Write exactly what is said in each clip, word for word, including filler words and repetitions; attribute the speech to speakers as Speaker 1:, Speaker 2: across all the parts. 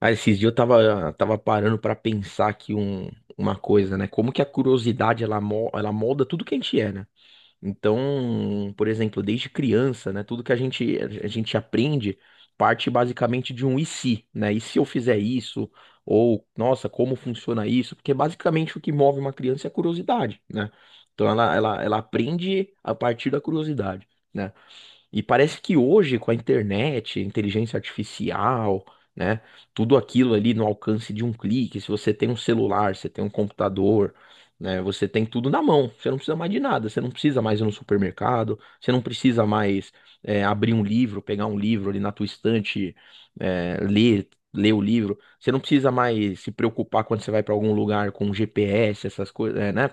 Speaker 1: Ah, esses dias eu tava, tava parando pra pensar aqui um, uma coisa, né? Como que a curiosidade ela, mo- ela molda tudo que a gente é, né? Então, por exemplo, desde criança, né? Tudo que a gente, a gente aprende parte basicamente de um e se, né? E se eu fizer isso? Ou, nossa, como funciona isso? Porque basicamente o que move uma criança é a curiosidade, né? Então ela, ela, ela aprende a partir da curiosidade, né? E parece que hoje, com a internet, inteligência artificial, né? Tudo aquilo ali no alcance de um clique. Se você tem um celular, você tem um computador, né? Você tem tudo na mão. Você não precisa mais de nada. Você não precisa mais ir no supermercado. Você não precisa mais é, abrir um livro, pegar um livro ali na tua estante, é, ler, ler o livro. Você não precisa mais se preocupar quando você vai para algum lugar com G P S, essas coisas, né?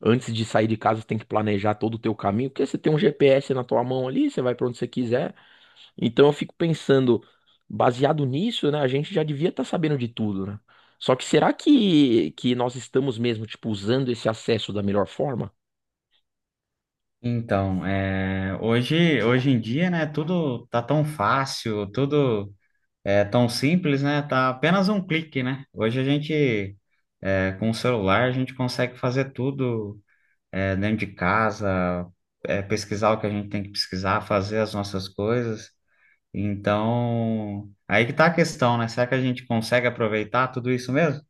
Speaker 1: Antes de sair de casa, você tem que planejar todo o teu caminho, porque você tem um G P S na tua mão ali, você vai para onde você quiser. Então eu fico pensando, baseado nisso, né, a gente já devia estar sabendo de tudo, né? Só que será que, que nós estamos mesmo, tipo, usando esse acesso da melhor forma?
Speaker 2: Então, é, hoje, hoje em dia, né, tudo tá tão fácil, tudo é tão simples, né? Tá apenas um clique, né? Hoje a gente, é, com o celular, a gente consegue fazer tudo, é, dentro de casa, é, pesquisar o que a gente tem que pesquisar, fazer as nossas coisas. Então, aí que tá a questão, né? Será que a gente consegue aproveitar tudo isso mesmo?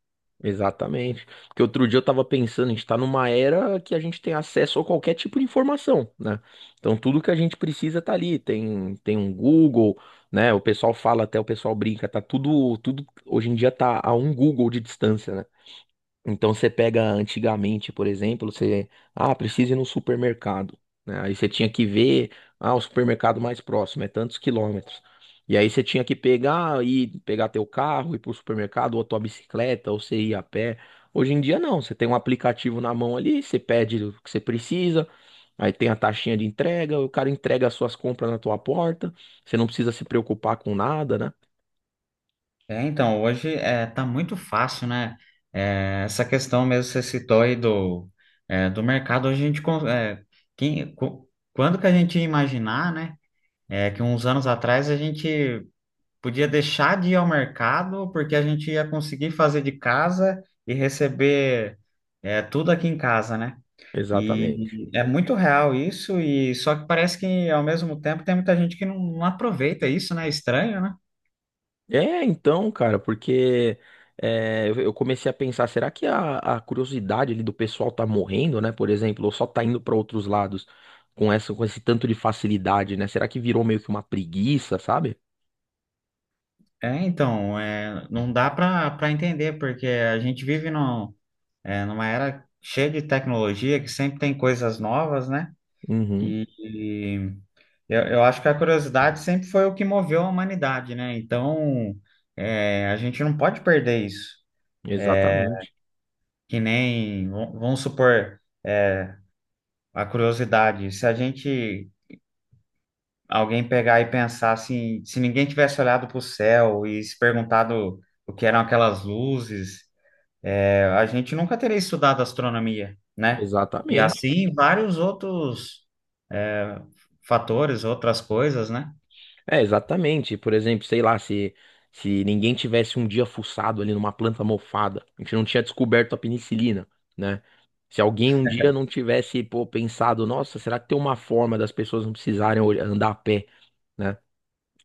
Speaker 1: Exatamente. Porque outro dia eu tava pensando, a gente tá numa era que a gente tem acesso a qualquer tipo de informação, né? Então tudo que a gente precisa tá ali. Tem, tem um Google, né? O pessoal fala até, o pessoal brinca, tá tudo, tudo hoje em dia tá a um Google de distância, né? Então você pega antigamente, por exemplo, você, ah, precisa ir no supermercado, né? Aí você tinha que ver, ah, o supermercado mais próximo é tantos quilômetros. E aí você tinha que pegar e pegar teu carro, ir pro supermercado, ou tua bicicleta, ou você ir a pé. Hoje em dia não, você tem um aplicativo na mão ali, você pede o que você precisa, aí tem a taxinha de entrega, o cara entrega as suas compras na tua porta, você não precisa se preocupar com nada, né?
Speaker 2: É, então, hoje é, tá muito fácil, né? É, essa questão mesmo que você citou aí do, é, do mercado, hoje a gente... con- É, quem, co- quando que a gente ia imaginar, né? É, que uns anos atrás a gente podia deixar de ir ao mercado porque a gente ia conseguir fazer de casa e receber é, tudo aqui em casa, né?
Speaker 1: Exatamente.
Speaker 2: E é muito real isso, e só que parece que ao mesmo tempo tem muita gente que não, não aproveita isso, né? Estranho, né?
Speaker 1: É, então, cara, porque é, eu eu comecei a pensar, será que a, a curiosidade ali do pessoal tá morrendo, né? Por exemplo, ou só tá indo pra outros lados com essa, com esse tanto de facilidade, né? Será que virou meio que uma preguiça, sabe?
Speaker 2: É, então, é, não dá para para entender, porque a gente vive num, é, numa era cheia de tecnologia, que sempre tem coisas novas, né?
Speaker 1: Uhum,
Speaker 2: E, e eu, eu acho que a curiosidade sempre foi o que moveu a humanidade, né? Então, é, a gente não pode perder isso.
Speaker 1: exatamente,
Speaker 2: Que nem, v- vamos supor, é, a curiosidade. Se a gente, Alguém pegar e pensar assim, se ninguém tivesse olhado para o céu e se perguntado o que eram aquelas luzes. É, A gente nunca teria estudado astronomia, né? E
Speaker 1: exatamente.
Speaker 2: assim vários outros é, fatores, outras coisas, né?
Speaker 1: É, exatamente. Por exemplo, sei lá, se, se ninguém tivesse um dia fuçado ali numa planta mofada, a gente não tinha descoberto a penicilina, né? Se alguém um dia não tivesse, pô, pensado, nossa, será que tem uma forma das pessoas não precisarem olh- andar a pé, né?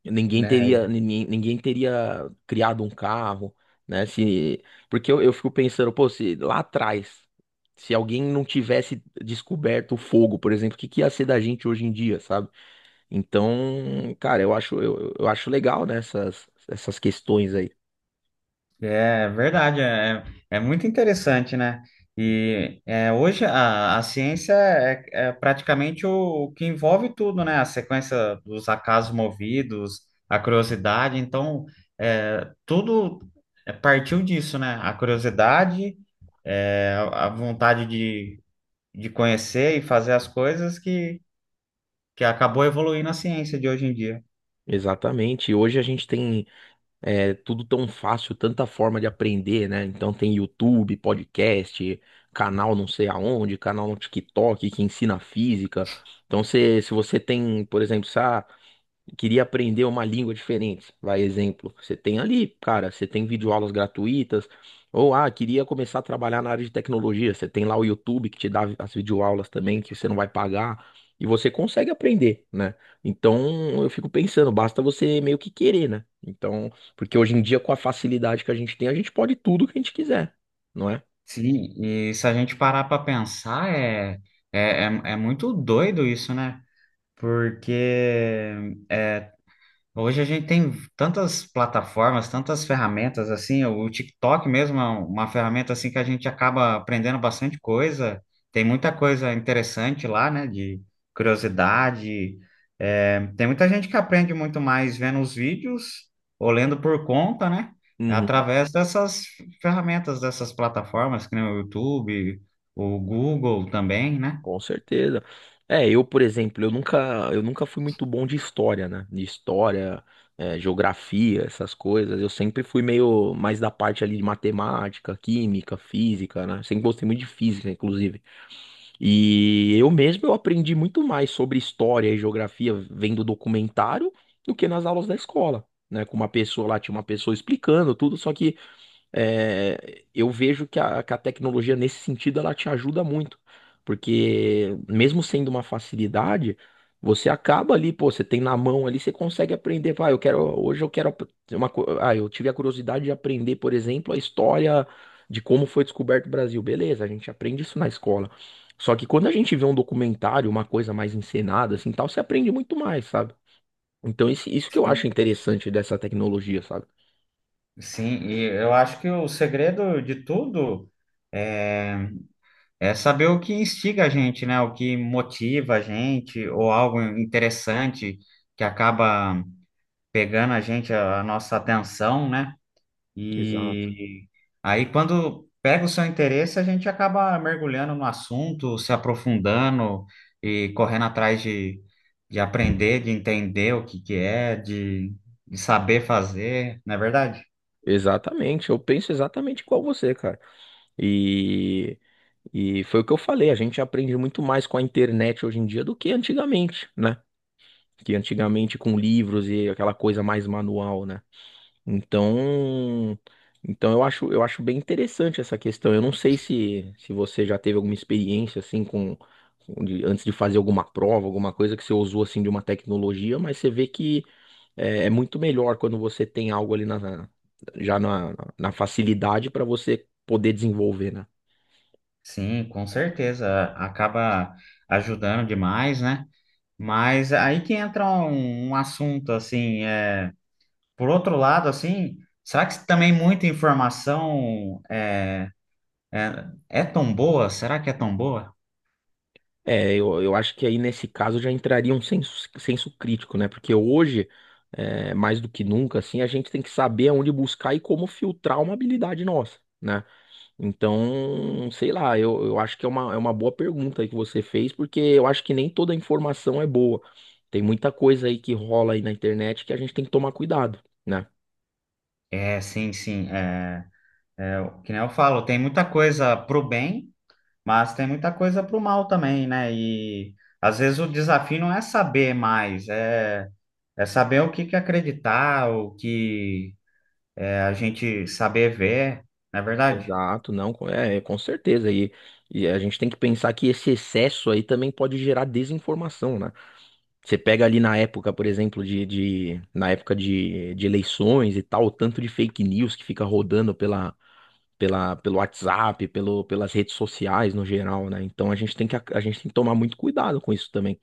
Speaker 1: Ninguém
Speaker 2: Né?
Speaker 1: teria, ninguém, ninguém teria criado um carro, né? Se, porque eu, eu fico pensando, pô, se lá atrás, se alguém não tivesse descoberto o fogo, por exemplo, o que que ia ser da gente hoje em dia, sabe? Então, cara, eu acho, eu, eu acho legal, né, essas, essas questões aí.
Speaker 2: É verdade, é, é muito interessante, né? E é, hoje a, a ciência é, é praticamente o, o que envolve tudo, né? A sequência dos acasos movidos, a curiosidade, então é, tudo é, partiu disso, né? A curiosidade, é, a vontade de de conhecer e fazer as coisas que, que acabou evoluindo a ciência de hoje em dia.
Speaker 1: Exatamente. Hoje a gente tem é tudo tão fácil, tanta forma de aprender, né? Então tem YouTube, podcast, canal não sei aonde, canal no TikTok que ensina física. Então se, se você tem, por exemplo, se, ah, queria aprender uma língua diferente, vai exemplo, você tem ali, cara, você tem videoaulas gratuitas, ou ah, queria começar a trabalhar na área de tecnologia, você tem lá o YouTube que te dá as videoaulas também, que você não vai pagar, e você consegue aprender, né? Então, eu fico pensando, basta você meio que querer, né? Então, porque hoje em dia com a facilidade que a gente tem, a gente pode tudo que a gente quiser, não é?
Speaker 2: Sim, e se a gente parar para pensar, é, é, é, é muito doido isso, né? Porque é, hoje a gente tem tantas plataformas, tantas ferramentas assim, o TikTok mesmo é um, uma ferramenta assim que a gente acaba aprendendo bastante coisa. Tem muita coisa interessante lá, né? De curiosidade. É, tem muita gente que aprende muito mais vendo os vídeos ou lendo por conta, né?
Speaker 1: Uhum.
Speaker 2: Através dessas ferramentas, dessas plataformas, que nem o YouTube, o Google também, né?
Speaker 1: Com certeza. É, eu, por exemplo, eu nunca, eu nunca fui muito bom de história, né? De história, é, geografia, essas coisas. Eu sempre fui meio mais da parte ali de matemática, química, física, né? Sempre gostei muito de física, inclusive. E eu mesmo eu aprendi muito mais sobre história e geografia vendo documentário do que nas aulas da escola. Né, com uma pessoa lá, tinha uma pessoa explicando tudo, só que é, eu vejo que a, que a tecnologia nesse sentido ela te ajuda muito, porque mesmo sendo uma facilidade, você acaba ali, pô, você tem na mão ali, você consegue aprender. Pá, eu quero hoje eu quero ap- uma, co- ah, eu tive a curiosidade de aprender, por exemplo, a história de como foi descoberto o Brasil. Beleza, a gente aprende isso na escola. Só que quando a gente vê um documentário, uma coisa mais encenada assim, tal, você aprende muito mais, sabe? Então isso, isso que eu acho interessante dessa tecnologia, sabe?
Speaker 2: Sim, e eu acho que o segredo de tudo é É saber o que instiga a gente, né? O que motiva a gente, ou algo interessante que acaba pegando a gente, a, a nossa atenção, né?
Speaker 1: Exato.
Speaker 2: E aí, quando pega o seu interesse, a gente acaba mergulhando no assunto, se aprofundando e correndo atrás de, de aprender, de entender o que que é, de, de saber fazer, não é verdade?
Speaker 1: Exatamente, eu penso exatamente igual você, cara. E, e foi o que eu falei, a gente aprende muito mais com a internet hoje em dia do que antigamente, né? Que antigamente com livros e aquela coisa mais manual, né? Então, então eu acho, eu acho bem interessante essa questão. Eu não sei se, se você já teve alguma experiência assim com, com- de- antes de fazer alguma prova, alguma coisa que você usou assim de uma tecnologia, mas você vê que é, é muito melhor quando você tem algo ali na, na- já na, na facilidade para você poder desenvolver, né?
Speaker 2: Sim, com certeza. Acaba ajudando demais, né? Mas aí que entra um, um assunto assim, é, por outro lado, assim, será que também muita informação é, é, é tão boa? Será que é tão boa?
Speaker 1: É, eu, eu acho que aí nesse caso já entraria um senso, senso crítico, né? Porque hoje, é, mais do que nunca, assim, a gente tem que saber aonde buscar e como filtrar uma habilidade nossa, né? Então, sei lá, eu, eu acho que é uma, é uma boa pergunta aí que você fez, porque eu acho que nem toda informação é boa. Tem muita coisa aí que rola aí na internet que a gente tem que tomar cuidado, né?
Speaker 2: É, sim, sim. É, é, o que nem eu falo, tem muita coisa pro bem, mas tem muita coisa pro mal também, né? E às vezes o desafio não é saber mais, é, é saber o que que acreditar, o que é, a gente saber ver, não é verdade?
Speaker 1: Exato, não, com- é, é, com certeza. E, e a gente tem que pensar que esse excesso aí também pode gerar desinformação, né? Você pega ali na época, por exemplo, de, de na época de, de eleições e tal, o tanto de fake news que fica rodando pela, pela, pelo WhatsApp, pelo, pelas redes sociais no geral, né? Então a gente tem que, a gente tem que tomar muito cuidado com isso também,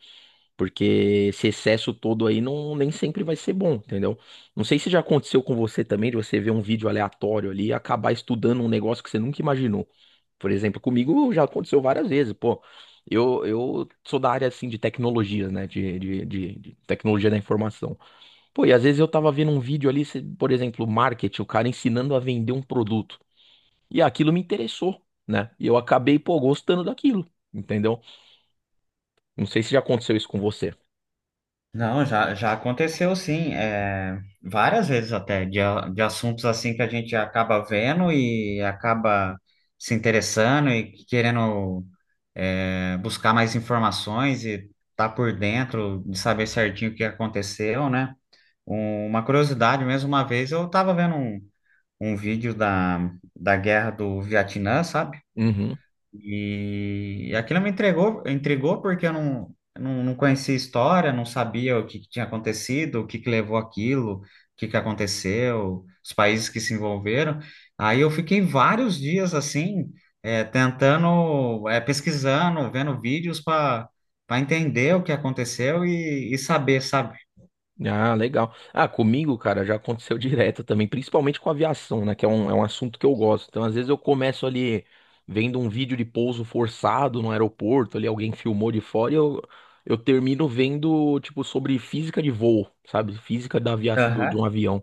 Speaker 1: porque esse excesso todo aí não, nem sempre vai ser bom, entendeu? Não sei se já aconteceu com você também, de você ver um vídeo aleatório ali e acabar estudando um negócio que você nunca imaginou. Por exemplo, comigo já aconteceu várias vezes, pô. Eu, eu sou da área assim de tecnologias, né? De, de, de, de tecnologia da informação. Pô, e às vezes eu tava vendo um vídeo ali, se- por exemplo, marketing, o cara ensinando a vender um produto. E aquilo me interessou, né? E eu acabei, pô, gostando daquilo, entendeu? Não sei se já aconteceu isso com você.
Speaker 2: Não, já, já aconteceu sim, é, várias vezes até, de, a- de assuntos assim que a gente acaba vendo e acaba se interessando e querendo é, buscar mais informações e tá por dentro de saber certinho o que aconteceu, né? Um- uma curiosidade mesmo, uma vez eu tava vendo um, um vídeo da, da guerra do Vietnã, sabe?
Speaker 1: Uhum.
Speaker 2: E aquilo me entregou, intrigou porque eu não, não, não conhecia a história, não sabia o que, que tinha acontecido, o que, que levou aquilo, o que, que aconteceu, os países que se envolveram. Aí eu fiquei vários dias assim, eh, tentando, eh, pesquisando, vendo vídeos para para entender o que aconteceu e, e saber, sabe?
Speaker 1: Ah, legal. Ah, comigo, cara, já aconteceu direto também, principalmente com aviação, né? Que é um, é um assunto que eu gosto. Então, às vezes eu começo ali vendo um vídeo de pouso forçado no aeroporto, ali alguém filmou de fora e eu, eu termino vendo, tipo, sobre física de voo, sabe? Física da aviação, do- de um
Speaker 2: Aham.
Speaker 1: avião.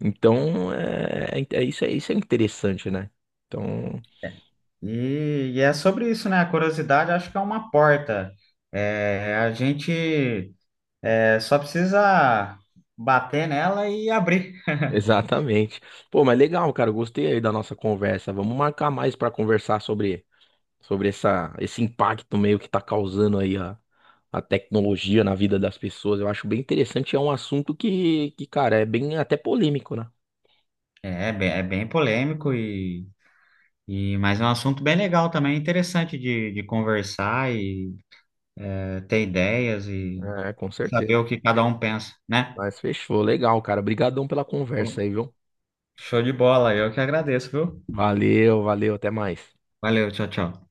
Speaker 1: Então, é, é, é- isso, é, isso é interessante, né? Então.
Speaker 2: E, e é sobre isso, né? A curiosidade acho que é uma porta. É, a gente. É só precisa bater nela e abrir.
Speaker 1: Exatamente. Pô, mas legal, cara. Gostei aí da nossa conversa. Vamos marcar mais para conversar sobre, sobre essa, esse impacto meio que tá causando aí a, a tecnologia na vida das pessoas. Eu acho bem interessante. É um assunto que, que, cara, é bem até polêmico, né?
Speaker 2: É, é bem- é bem polêmico e, e mas é um assunto bem legal também, é interessante de, de conversar e é, ter ideias e
Speaker 1: É, com
Speaker 2: saber
Speaker 1: certeza.
Speaker 2: o que cada um pensa, né?
Speaker 1: Mas fechou. Legal, cara. Obrigadão pela conversa aí, viu?
Speaker 2: Show de bola, eu que agradeço, viu?
Speaker 1: Valeu, valeu. Até mais.
Speaker 2: Valeu, tchau, tchau.